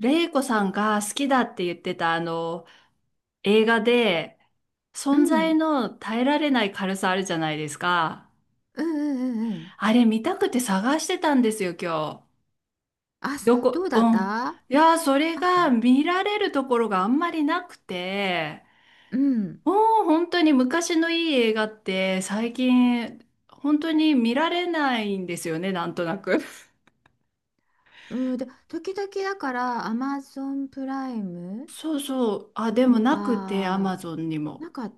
レイコさんが好きだって言ってた映画でう存在ん、の耐えられない軽さあるじゃないですか。うんうんうんうん。あれ見たくて探してたんですよ、今日。あ、どどこ、うだうっん。た？あいやー、それっがた？見られるところがあんまりなくて、うん。もう本当に昔のいい映画って最近本当に見られないんですよね、なんとなく。うん、で、時々だから、アマゾンプライムそうそう。あ、でもとなくて、アマか、ゾンにも。なんか、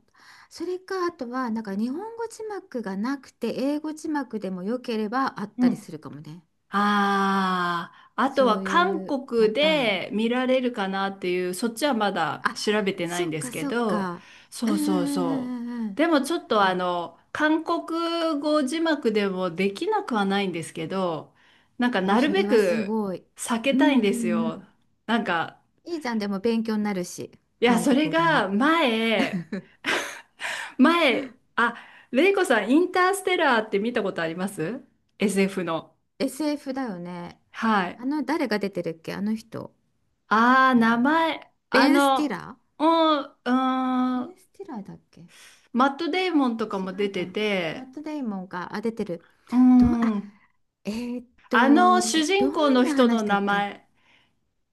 それか、あとは、なんか日本語字幕がなくて、英語字幕でも良ければあったうりすんるかもね。ああ、あとそはうい韓うパ国ターン。で見られるかなっていう、そっちはまだあ、調べてないそんっですかけそっど、か。うそんううそうんそう。うんうんうん。でもちょっとあ、韓国語字幕でもできなくはないんですけど、なんかなるそべれはすくごい。避けうたいんんうですんうよ。ん。なんか、いいじゃん、でも勉強になるし、いや、韓それ国語の。が前、前、あ、レイコさん、インターステラーって見たことあります？ SF の。SF だよね。はい。あの、誰が出てるっけ、あの人？ああ、名前、あベン・スティの、ラうん、ベうん、ン・スティラーだっけ？違マット・デイモンとかも出うてか。マて、ット・デイモンが、あ、出てる。うどう、あ、ん、えあの主ど人公んのな人の話だっ名け？前、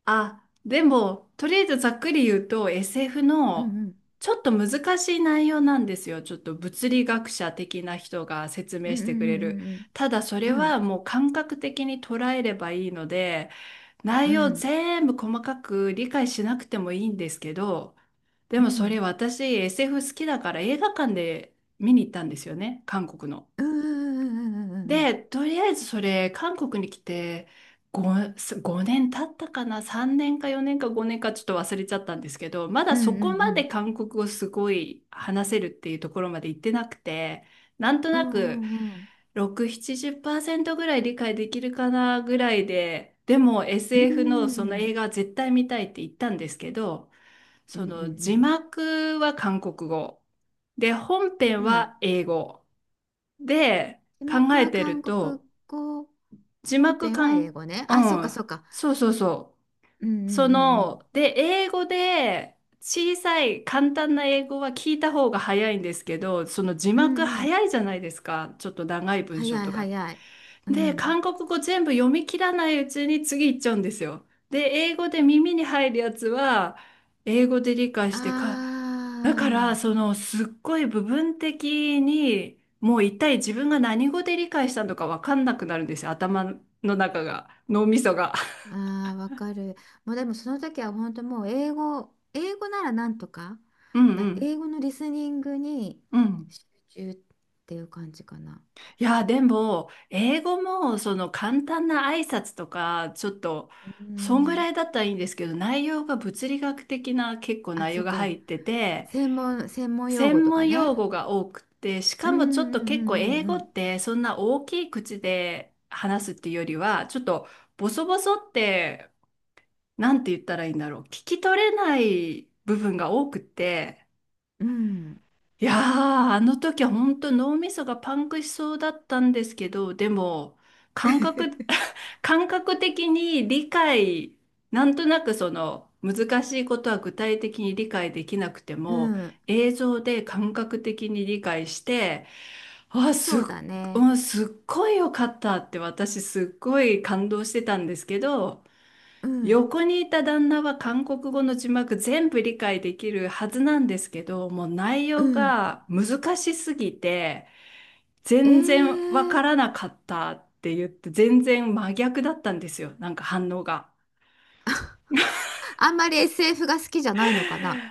あ、でも、とりあえずざっくり言うと SF うの、んうん。ちょっと難しい内容なんですよ。ちょっと物理学者的な人が説う明んしうてくれる。んただそうんうれんうはん。もう感覚的に捉えればいいので、う内容ん全部細かく理解しなくてもいいんですけど、でうんうもそんれ私 SF 好きだから映画館で見に行ったんですよね、韓国の。うんで、とりあえずそれ、韓国に来て5、5年経ったかな、3年か4年か5年かちょっと忘れちゃったんですけど、まうだんうそんこまうでん韓国語すごい話せるっていうところまで行ってなくて、なんとうなんくうんうん6、70%ぐらい理解できるかなぐらいで、でも う SF のんうそのん映画は絶対見たいって言ったんですけど、うんそうんうのんうんう字ん幕は韓国語。で、うんうん本編うんうん。 は 英語。で、字考幕えはて韓る国と、語、字本幕編かは英ん、語ね。うあ、そうかん。そうか。そうそうそうんう。うん英語で、小さい簡単な英語は聞いた方が早いんですけど、その字うんう幕ん。うんうん。早いじゃないですか。ちょっと長い文章早といか。早い。うで、ん。韓国語全部読み切らないうちに次行っちゃうんですよ。で、英語で耳に入るやつは、英語で理解してか、だから、あすっごい部分的に、もう一体自分が何語で理解したのかわかんなくなるんですよ、頭の中が、脳みそが。あ、ああ、わかる。もうでもその時は本当もう英語、英語ならなんとか、うんうん。英語のリスニングにうん。集中っていう感じかな。いや、でも、英語も、簡単な挨拶とか、ちょっと、うそんぐん。らいだったらいいんですけど、内容が物理学的な結構あ、内そ容っが入か。ってて、専門用語専とか門ね。用語が多くて、しうかんもちょっと結構英う語っんてそんな大きい口で話すっていうよりは、ちょっとボソボソって、なんて言ったらいいんだろう。聞き取れない部分が多くて、うんうんうん。うん。いやー、あの時は本当脳みそがパンクしそうだったんですけど、でも、感覚、感覚的になんとなくその難しいことは具体的に理解できなくてうも、ん、映像で感覚的に理解して、あ、そすっ、うだうね。んすっごい良かったって私すっごい感動してたんですけど、うん、横にいた旦那は韓国語の字幕全部理解できるはずなんですけど、もう内う容ん。が難しすぎて、え全然わかーらなかったって言って、全然真逆だったんですよ。なんか反応が。あんまり SF が好きじゃないのかな、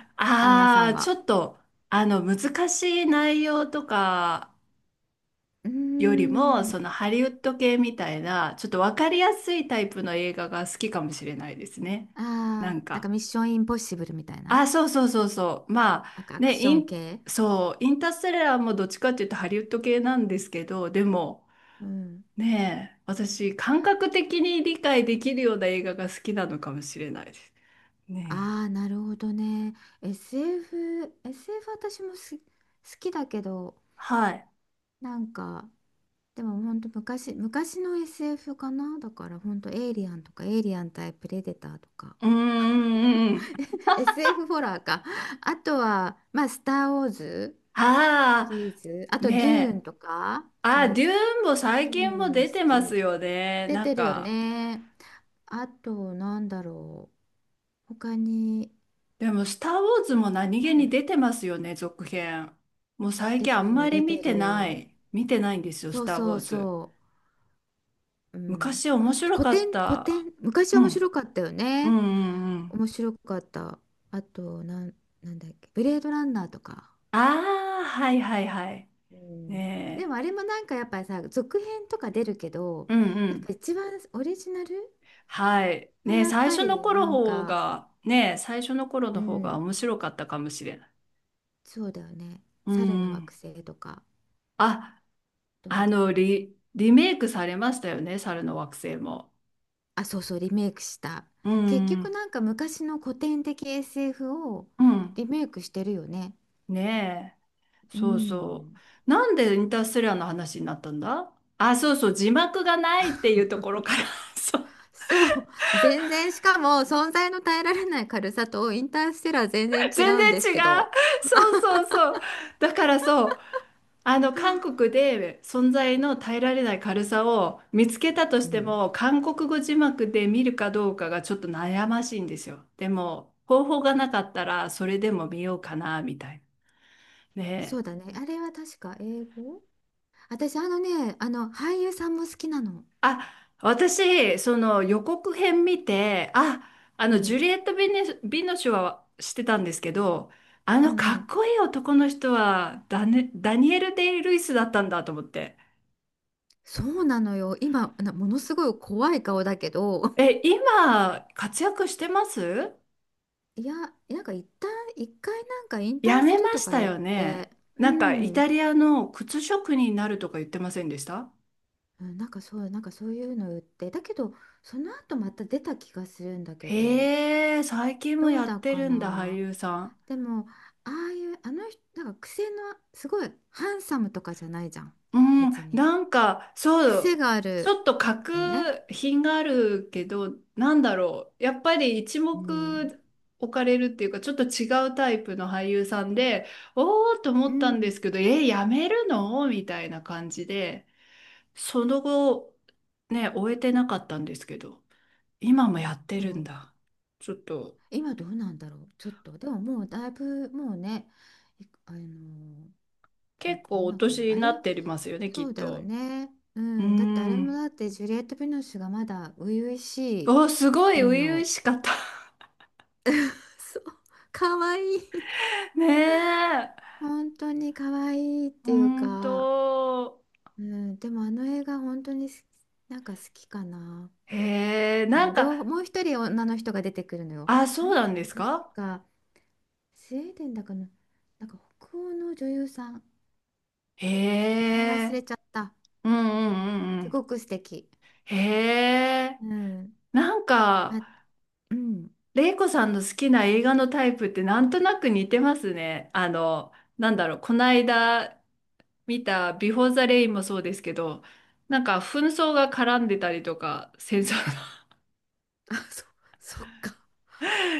旦那さあんあ、ちょは。っと、あの、難しい内容とかうーよりも、ん。そのハリウッド系みたいな、ちょっとわかりやすいタイプの映画が好きかもしれないですね。あなあ、んなんかか。ミッションインポッシブルみたいな。あ、そうそうそうそう。なんかアクション系。そう、インターステラーもどっちかっていうとハリウッド系なんですけど、でも、うん。ねえ、私、感覚的に理解できるような映画が好きなのかもしれないです。ねえ。ああ、なるほどね。SF 私も好きだけど、はい。なんか、でもほんと昔の SF かな。だからほんとエイリアンとか、エイリアン対プレデターとか。うーん、うんうん。SF ホラーか。あとは、まあ、スター・ウォーズあシリーズ。ああ、と、デューねンえ。とか、ああ、デューンもう最近もん、お出て好ますき。よね。出なんてるよか、ね。あと、なんだろう。他に、でも、スター・ウォーズもいっ何ぱ気いあにる。出てますよね、続編。もう最出近あてんまる、り出見ててなる。い。見てないんですよ、そスうター・ウそォうーズ。そう。うん。昔あ面と、白古か典、っ古た。典。昔う面ん。白かったようんね。うんうん。面白かった。あと、なんだっけ。ブレードランナーとか。ああ、はいはいはい。うん。でねも、あれもなんかやっぱりさ、続編とか出るけど、え。うんうやっん。ぱ一番オリジナルはい。はねえ、やっ最ぱ初のり頃なん方か、が、ねえ、最初の頃うの方がん、面白かったかもしれない。そうだよね。う猿のんうん。惑星とか。あ、と、リメイクされましたよね、猿の惑星も。あ、そうそう、リメイクした。う結んう局ん。なんか昔の古典的 SF をうん。リメイクしてるよね。ねえ。うそうそん。う。なんでインターステラーの話になったんだ。あ、そうそう、字幕がないっていうところから そう そう。全然、しかも存在の耐えられない軽さとインターステラー全然 違全うん然です違う。けど。そうそうそう。だからそう、あの、韓国で存在の耐えられない軽さを見つけたとうしてん。も、韓国語字幕で見るかどうかがちょっと悩ましいんですよ。でも、方法がなかったら、それでも見ようかな、みたいな。そねうえ。だね。あれは確か英語。私、あのね、あの、俳優さんも好きなの。あ、私、その予告編見て、うジュん。リエット・ビネ、ビノシュは知ってたんですけど、あうのんかうっん。こいい男の人はダニエル・デイ・ルイスだったんだと思って。そうなのよ。今、ものすごい怖い顔だけど、え、今、活躍してます？いや、なんか一旦、一回なんか引や退すめるまとしかた言っよね。て、うなんか、イん、タリアの靴職人になるとか言ってませんでした？うんなんかそう、なんかそういうの言って、だけど、その後また出た気がするんだけど、へえ、最近もどうやっだてかるんだ、俳な。優さん。でも、ああいう、あの人、なんか癖の、すごい、ハンサムとかじゃないじゃん、うん、別に。なんか、そ癖う、があちるょっとよね。格品があるけど、なんだろう。やっぱり一うん。目置かれるっていうか、ちょっと違うタイプの俳優さんで、おーっとう思ったんですん。けど、え、やめるのみたいな感じで。その後、ね、終えてなかったんですけど、今もやってどるんうだ。ちょっと、今どうなんだろう、ちょっと。でももうだいぶ、もうね、いあの、結ど構んおな感年じ？あにれ？なってますよね、きそっうだよと。ね。ううーん。だってあれもん。だってジュリエット・ヴィノスがまだ初々しいお、すごい頃初々の。 しかった。そう、かわいい。ねえ。本当に可愛いいっほていうんか、と。うん、でもあの映画本当になんか好きかな。へえ、あなんの両方、か、もう一人女の人が出てくるのよ。あ、あそのうなんで人す確か？かスウェーデンだかの、なんか北欧の女優さん。へ名前忘え。れちゃった。うんうんうんうすん。ごく素敵。へえ。うん。なんか、ま、うん。玲子さんの好きな映画のタイプってなんとなく似てますね。あの、なんだろう、この間見たビフォーザレインもそうですけど、なんか紛争が絡んでたりとか、戦争あ、そっか。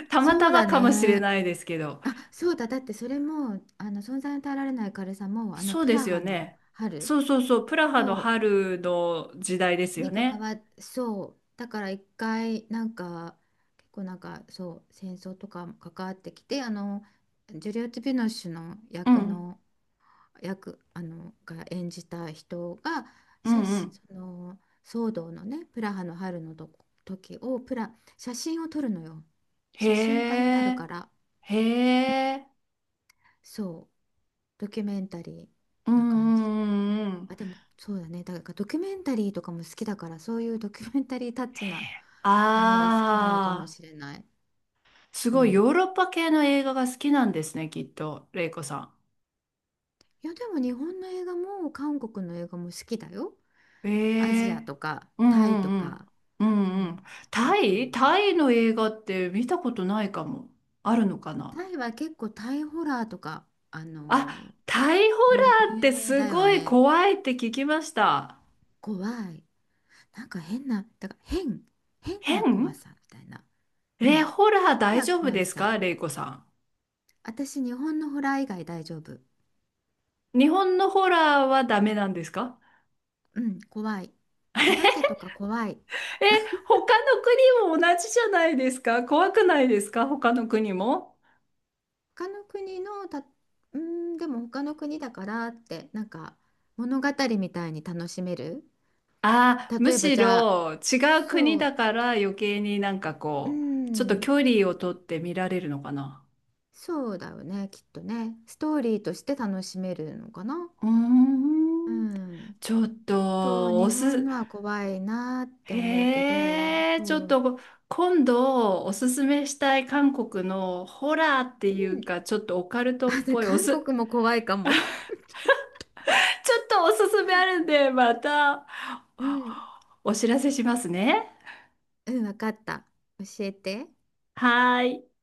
の たまそたうまだかもしれね。ないですけど、あ、そうだ。だってそれも、あの、存在に耐えられない軽さも、あの、そうプでラすよハのね。春、そうそうそう、プラハのそ春の時代ですう、よに関ね。わっ、そう。だから一回、なんか、結構なんか、そう、戦争とかも関わってきて、あの、ジュリオット・ヴィノッシュのう役ん、の、あの、が演じた人が、うん写う真、ん。その、騒動のね、プラハの春のとこ時を、写真を撮るのよ。へ写真家になるえ、から。へえ、そう、ドキュメンタリうんうーな感じ。んうんうん。あ、でもそうだね。だからドキュメンタリーとかも好きだから、そういうドキュメンタリータッチへなえ、ものが好きなのかもああ、しれない。すうごいヨん。ーロッパ系の映画が好きなんですね、きっと、レイコさん。いや、でも日本の映画も韓国の映画も好きだよ。えアジアえとかうんタイとうんうん。か。ううんうん。ん。あタと、イタイの映画って見たことないかも。あるのかな？タイは結構タイホラーとか、あ、タイホね、ラーっ有て名すだよごいね。怖いって聞きました。怖い。なんか変な、だから変な怖変さみたいな。うえ、ん。ホラー変大な丈夫怖ですさ。かレイコさ私、日本のホラー以外大丈夫。ん。日本のホラーはダメなんですか？うん、怖い。お化けとか怖い。え、他の国も同じじゃないですか怖くないですか他の国も。他の国のうん、でも他の国だからって、なんか物語みたいに楽しめる。ああ、む例えばしじゃあ、ろ違う国そだう、から余計になんかうこう、ちょっとん、距離をとって見られるのかな。そうだよね、きっとね。ストーリーとして楽しめるのかな。うーうん、ん。ちょっちょっとと、お日本す、のは怖いなって思うけど、へえ、ちょそっう、と、今度おすすめしたい韓国のホラーってういうん。か、ちょっとオカルトあ、っでぽいお韓す、ち国も怖いかも。ょっとおすすめあるんで、またうん。お知らせしますね。うん、わかった。教えて。はーい。